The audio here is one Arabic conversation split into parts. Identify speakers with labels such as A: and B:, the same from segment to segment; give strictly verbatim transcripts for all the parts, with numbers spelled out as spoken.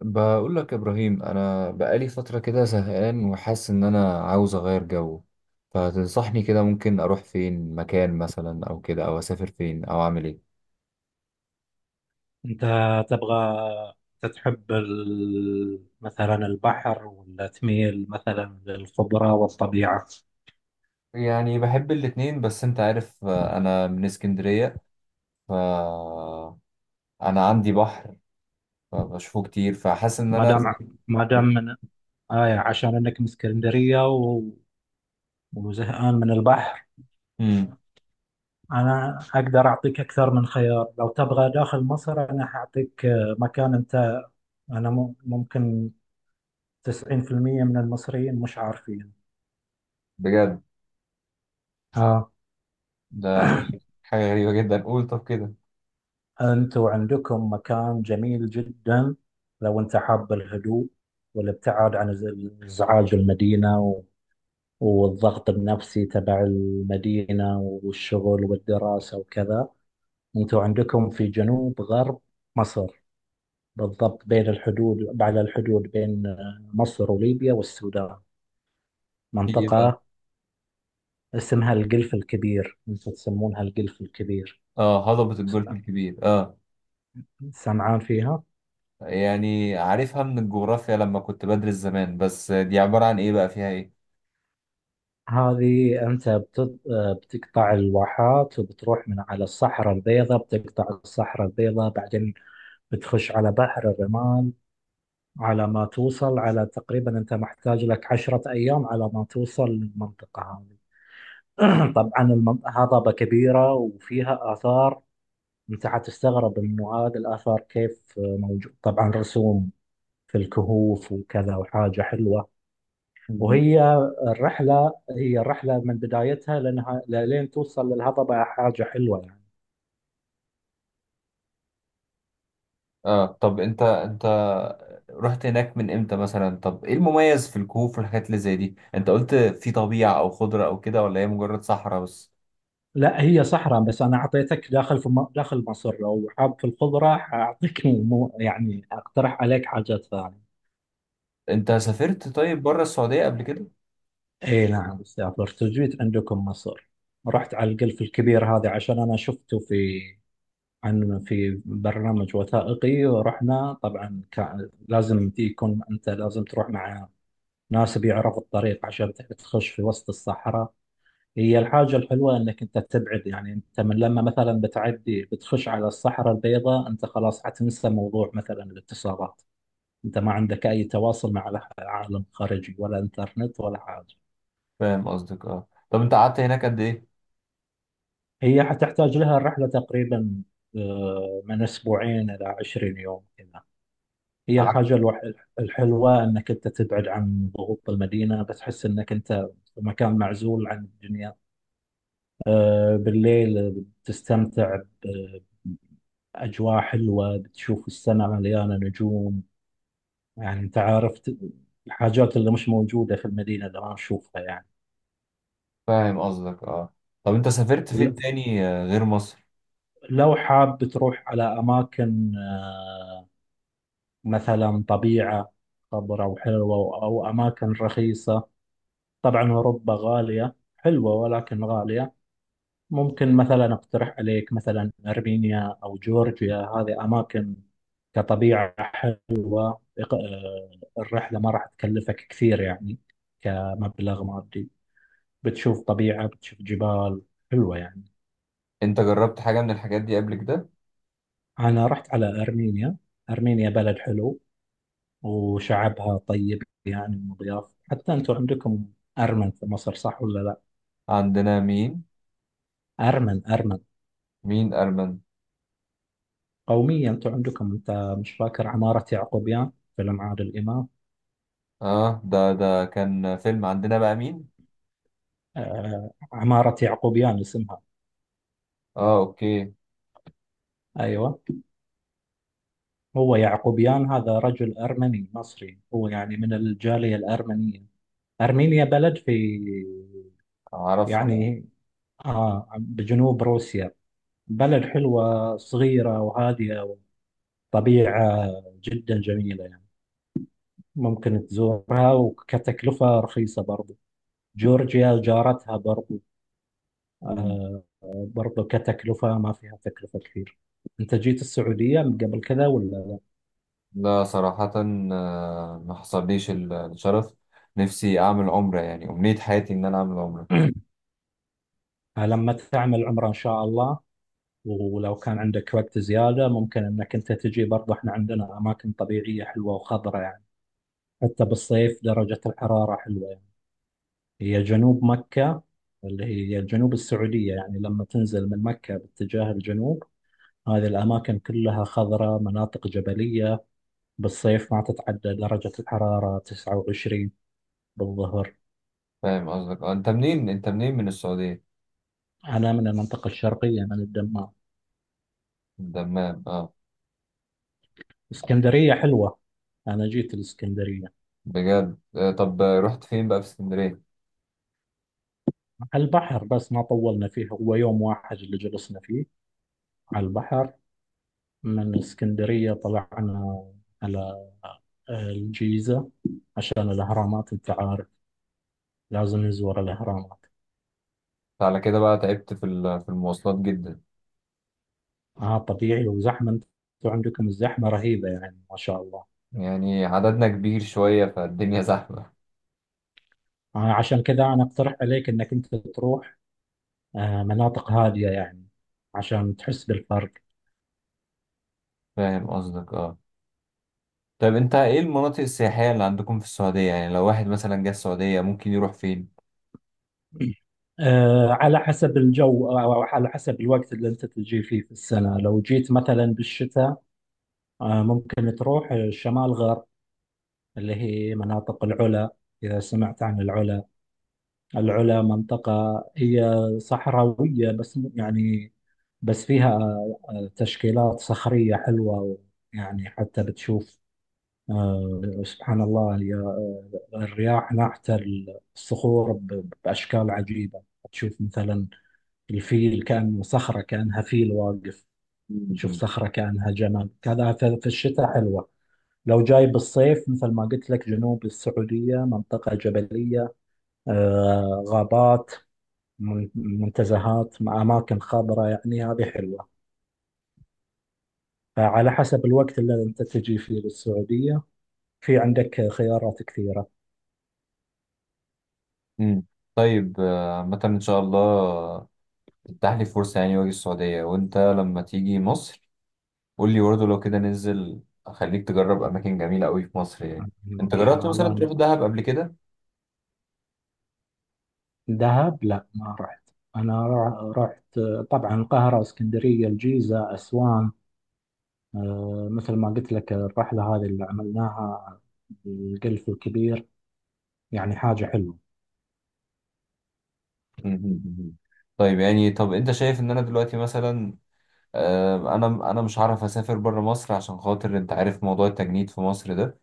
A: بقول لك يا ابراهيم، انا بقالي فتره كده زهقان وحاسس ان انا عاوز اغير جو. فتنصحني كده ممكن اروح فين مكان مثلا او كده، او اسافر فين، او اعمل ايه؟
B: أنت تبغى تتحب ال- مثلا البحر ولا تميل مثلا للخضرة والطبيعة.
A: يعني بحب الاتنين، بس انت عارف آه، انا من اسكندريه. ف انا عندي بحر فبشوفه كتير، فحاسس ان
B: ما
A: انا
B: دام ما دام من آية عشان إنك من اسكندرية و- وزهقان من البحر،
A: امم
B: أنا أقدر أعطيك أكثر من خيار. لو تبغى داخل مصر أنا حأعطيك آه، مكان أنت، أنا مم- ممكن تسعين في المية من المصريين مش عارفين
A: بجد؟
B: آه.
A: ده حاجه حاجة غريبه جدا. قول طب كده،
B: أنتوا عندكم مكان جميل جدا. لو أنت حاب الهدوء والابتعاد عن إز- إزعاج المدينة و- والضغط النفسي تبع المدينة والشغل والدراسة وكذا، أنتوا عندكم في جنوب غرب مصر بالضبط بين الحدود، على الحدود بين آه، مصر وليبيا والسودان
A: في ايه بقى؟
B: منطقة اسمها القلف الكبير، أنتوا تسمونها القلف الكبير.
A: اه، هضبه الجولف
B: سمع-
A: الكبير آه.
B: سمعان فيها؟
A: يعني عارفها من الجغرافيا لما كنت بدرس زمان، بس دي عبارة عن ايه بقى؟ فيها ايه؟
B: هذه أنت بت- بتقطع الواحات وبتروح من على الصحراء البيضاء، بتقطع الصحراء البيضاء بعدين بتخش على بحر الرمال على ما توصل، على تقريبا أنت محتاج لك عشرة أيام على ما توصل للمنطقة هذه. طبعا المن- هضبة كبيرة وفيها آثار. أنت حتستغرب إنه هذه الآثار كيف موجود. طبعا رسوم في الكهوف وكذا، وحاجة حلوة.
A: مم.
B: وهي الرحلة هي الرحلة من بدايتها لأنها لين توصل للهضبة حاجة حلوة يعني.
A: اه طب انت انت رحت هناك من امتى مثلا؟ طب ايه المميز في الكهوف والحاجات اللي زي دي؟ انت قلت في طبيعة او خضرة او كده، ولا هي مجرد صحراء بس؟
B: لا، هي صحراء بس. أنا أعطيتك داخل في م- داخل مصر. لو حاب في الخضرة أعطيك مو يعني أقترح عليك حاجات ثانية.
A: انت سافرت طيب بره السعودية قبل كده؟
B: إي نعم، سافرت وجيت عندكم مصر، رحت على القلف الكبير هذا عشان أنا شفته في عن في برنامج وثائقي. ورحنا طبعا كان لازم يكون، أنت لازم تروح مع ناس بيعرفوا الطريق عشان تخش في وسط الصحراء. هي الحاجة الحلوة انك انت تبعد، يعني انت من لما مثلا بتعدي بتخش على الصحراء البيضاء انت خلاص حتنسى موضوع مثلا الاتصالات، انت ما عندك اي تواصل مع الع- العالم الخارجي ولا انترنت ولا حاجة.
A: فاهم قصدك اه. طب انت قعدت هناك قد ايه؟
B: هي حتحتاج لها الرحلة تقريبا آه، من اسبوعين الى عشرين يوم كذا. هي
A: قعدت
B: الحاجة الوح- الحلوة انك انت تبعد عن ضغوط المدينة، بتحس انك انت في مكان معزول عن الدنيا. آه، بالليل تستمتع، أجواء حلوة، بتشوف السماء مليانة نجوم. يعني أنت عارف، ت- الحاجات اللي مش موجودة في المدينة اللي ما نشوفها يعني.
A: فاهم قصدك اه. طب انت سافرت
B: ولو
A: فين تاني آه، غير مصر؟
B: حاب تروح على أماكن آه، مثلا طبيعة خضراء وحلوة أو أماكن رخيصة، طبعا أوروبا غالية، حلوة ولكن غالية. ممكن مثلا أقترح عليك مثلا أرمينيا أو جورجيا، هذه أماكن كطبيعة. إق- الرحلة ما راح تكلفك كثير يعني كمبلغ مادي، بتشوف طبيعة، بتشوف جبال حلوة يعني.
A: انت جربت حاجة من الحاجات دي قبل كده؟
B: أنا رحت على أرمينيا. أرمينيا بلد حلو وشعبها طيب يعني، ومضياف. حتى أنتم عندكم أرمن في مصر، صح ولا لا؟
A: عندنا مين؟
B: أرمن، أرمن،
A: مين ارمن؟
B: قومية أنتم عندكم. أنت مش فاكر عمارة يعقوبيان، فيلم عادل إمام؟
A: اه، ده ده كان فيلم. عندنا بقى مين؟
B: آه، عمارة يعقوبيان اسمها.
A: اه اوكي.
B: أيوة، هو يعقوبيان هذا رجل أرمني مصري، هو يعني من الجالية الأرمنية. أرمينيا بلد في
A: اعرفها.
B: يعني آه بجنوب روسيا، بلد حلوة صغيرة وهادية، وطبيعة جدا جميلة يعني. ممكن تزورها، وكتكلفة رخيصة برضو. جورجيا جارتها برضو،
A: مم.
B: آه، برضو كتكلفة، ما فيها تكلفة كثير. أنت جيت السعودية من قبل كذا ولا؟
A: لا صراحة، آه، ما حصليش ال- الشرف. نفسي اعمل عمرة، يعني امنية حياتي ان انا اعمل عمرة.
B: لما تعمل عمرة إن شاء الله، ولو كان عندك وقت زيادة ممكن أنك أنت تجي برضو. إحنا عندنا أماكن طبيعية حلوة وخضرة يعني، حتى بالصيف درجة الحرارة حلوة يعني. هي جنوب مكة، اللي هي جنوب السعودية، يعني لما تنزل من مكة باتجاه الجنوب هذه الأماكن كلها خضراء، مناطق جبلية. بالصيف ما تتعدى درجة الحرارة تسعة وعشرين بالظهر.
A: فاهم قصدك اه. انت منين؟ انت منين من السعودية؟
B: أنا من المنطقة الشرقية، من الدمام.
A: من دمام اه.
B: اسكندرية حلوة، أنا جيت الإسكندرية،
A: بجد آه، طب آه، رحت فين بقى في اسكندرية؟
B: على البحر، بس ما طولنا فيه، هو يوم واحد اللي جلسنا فيه على البحر. من اسكندرية طلعنا على الجيزة عشان الأهرامات، أنت عارف لازم نزور الأهرامات.
A: على كده بقى تعبت في ال- في المواصلات جدا.
B: آه طبيعي، وزحمة، أنتوا عندكم الزحمة رهيبة يعني ما شاء الله.
A: يعني عددنا كبير شوية فالدنيا زحمة.
B: آه عشان كذا أنا أقترح عليك إنك أنت تروح آه مناطق هادية يعني عشان تحس بالفرق.
A: فاهم قصدك اه. طيب انت ايه المناطق السياحية اللي عندكم في السعودية؟ يعني لو واحد مثلا جه السعودية ممكن يروح فين؟
B: آه، على حسب الجو، آه، أو على حسب الوقت اللي أنت تجي فيه في السنة. لو جيت مثلا بالشتاء، آه، ممكن تروح شمال غرب، اللي هي مناطق العلا. إذا سمعت عن العلا، العلا منطقة هي صحراوية بس م- يعني بس فيها آه، تشكيلات صخرية حلوة يعني. حتى بتشوف آه، سبحان الله، هي آه، الرياح ناحت الصخور ب- بأشكال عجيبة. تشوف مثلا الفيل، كأنه صخرة كأنها فيل واقف. تشوف
A: مم.
B: صخرة كأنها جمل، كذا في في الشتاء حلوة. لو جاي بالصيف مثل ما قلت لك، جنوب السعودية منطقة جبلية، آه، غابات، من- منتزهات مع أماكن خضراء يعني، هذه حلوة. فعلى حسب الوقت اللي أنت تجي فيه للسعودية في عندك خيارات كثيرة.
A: امم. طيب آه، عامة ان شاء الله تتاح لي فرصة، يعني واجي السعودية. وانت لما تيجي مصر قول لي برضه، لو كده ننزل اخليك تجرب اماكن جميلة قوي في مصر يعني.
B: إن
A: انت جربت
B: شاء الله
A: مثلا تروح
B: أنا-
A: دهب قبل كده؟
B: دهب لا ما رحت. أنا را- رحت طبعا القاهرة، اسكندرية، الجيزة، أسوان. آه، مثل ما قلت لك الرحلة هذه اللي عملناها، القلف الكبير، يعني حاجة حلوة.
A: مم. مم. طيب يعني، طب انت شايف ان انا دلوقتي مثلا آه، انا انا مش هعرف اسافر بره مصر عشان خاطر انت عارف موضوع التجنيد في مصر ده.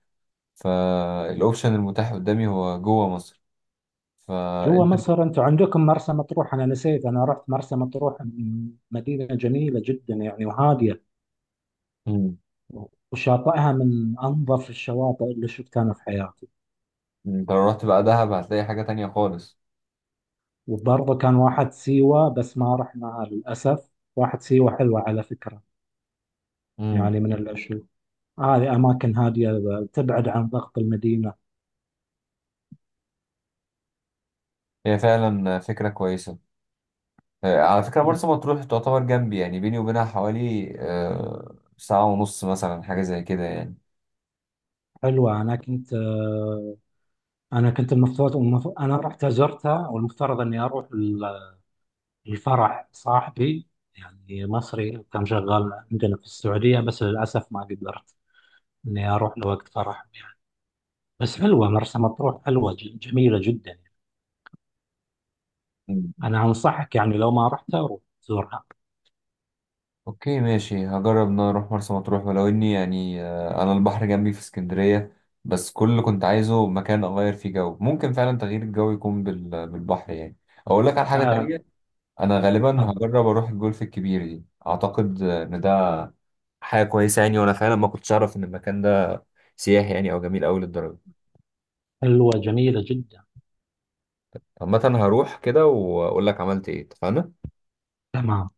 A: فالاوبشن المتاح قدامي هو جوه مصر.
B: جوا
A: فانت
B: مصر انتوا عندكم مرسى مطروح، انا نسيت، انا رحت مرسى مطروح، م- مدينة جميلة جدا يعني وهادية،
A: مم.
B: وشاطئها من أنظف الشواطئ اللي شفتها في حياتي.
A: انت لو رحت بقى دهب هتلاقي حاجة تانية خالص.
B: وبرضه كان واحد سيوة بس ما رحناها للأسف. واحد سيوة حلوة على فكرة،
A: مم.
B: يعني من الأشياء، هذه أماكن هادية تبعد عن ضغط المدينة.
A: هي فعلا فكرة كويسة. آه، على فكرة مرسى
B: بت-
A: مطروح تعتبر جنبي، يعني بيني وبينها حوالي آه، ساعة ونص مثلا، حاجة زي كده يعني.
B: حلوة. أنا كنت آه، أنا كنت المفروض، المف- أنا رحت زرتها والمفترض إني أروح ال- الفرح صاحبي، يعني مصري كان شغال عندنا في السعودية، بس للأسف ما قدرت إني أروح لوقت فرح. بس حلوة مرسى مطروح، حلوة ج- جميلة جدا.
A: مم.
B: أنا أنصحك يعني لو ما رحت أروح تزورها.
A: اوكي ماشي، هجرب ان انا اروح مرسى مطروح، ولو اني يعني آه، انا البحر جنبي في اسكندرية. بس كل اللي كنت عايزه مكان اغير فيه جو، ممكن فعلا تغيير الجو يكون بال- بالبحر يعني. اقول لك على حاجة
B: آه،
A: تانية، انا غالبا
B: آه،
A: هجرب اروح الجولف الكبير دي. اعتقد ان ده حاجه كويسه يعني، وانا فعلا ما كنتش اعرف ان المكان ده سياحي يعني، او جميل قوي للدرجه.
B: حلوة جميلة جدا.
A: عامه هروح كده واقول لك عملت ايه، اتفقنا؟
B: تمام.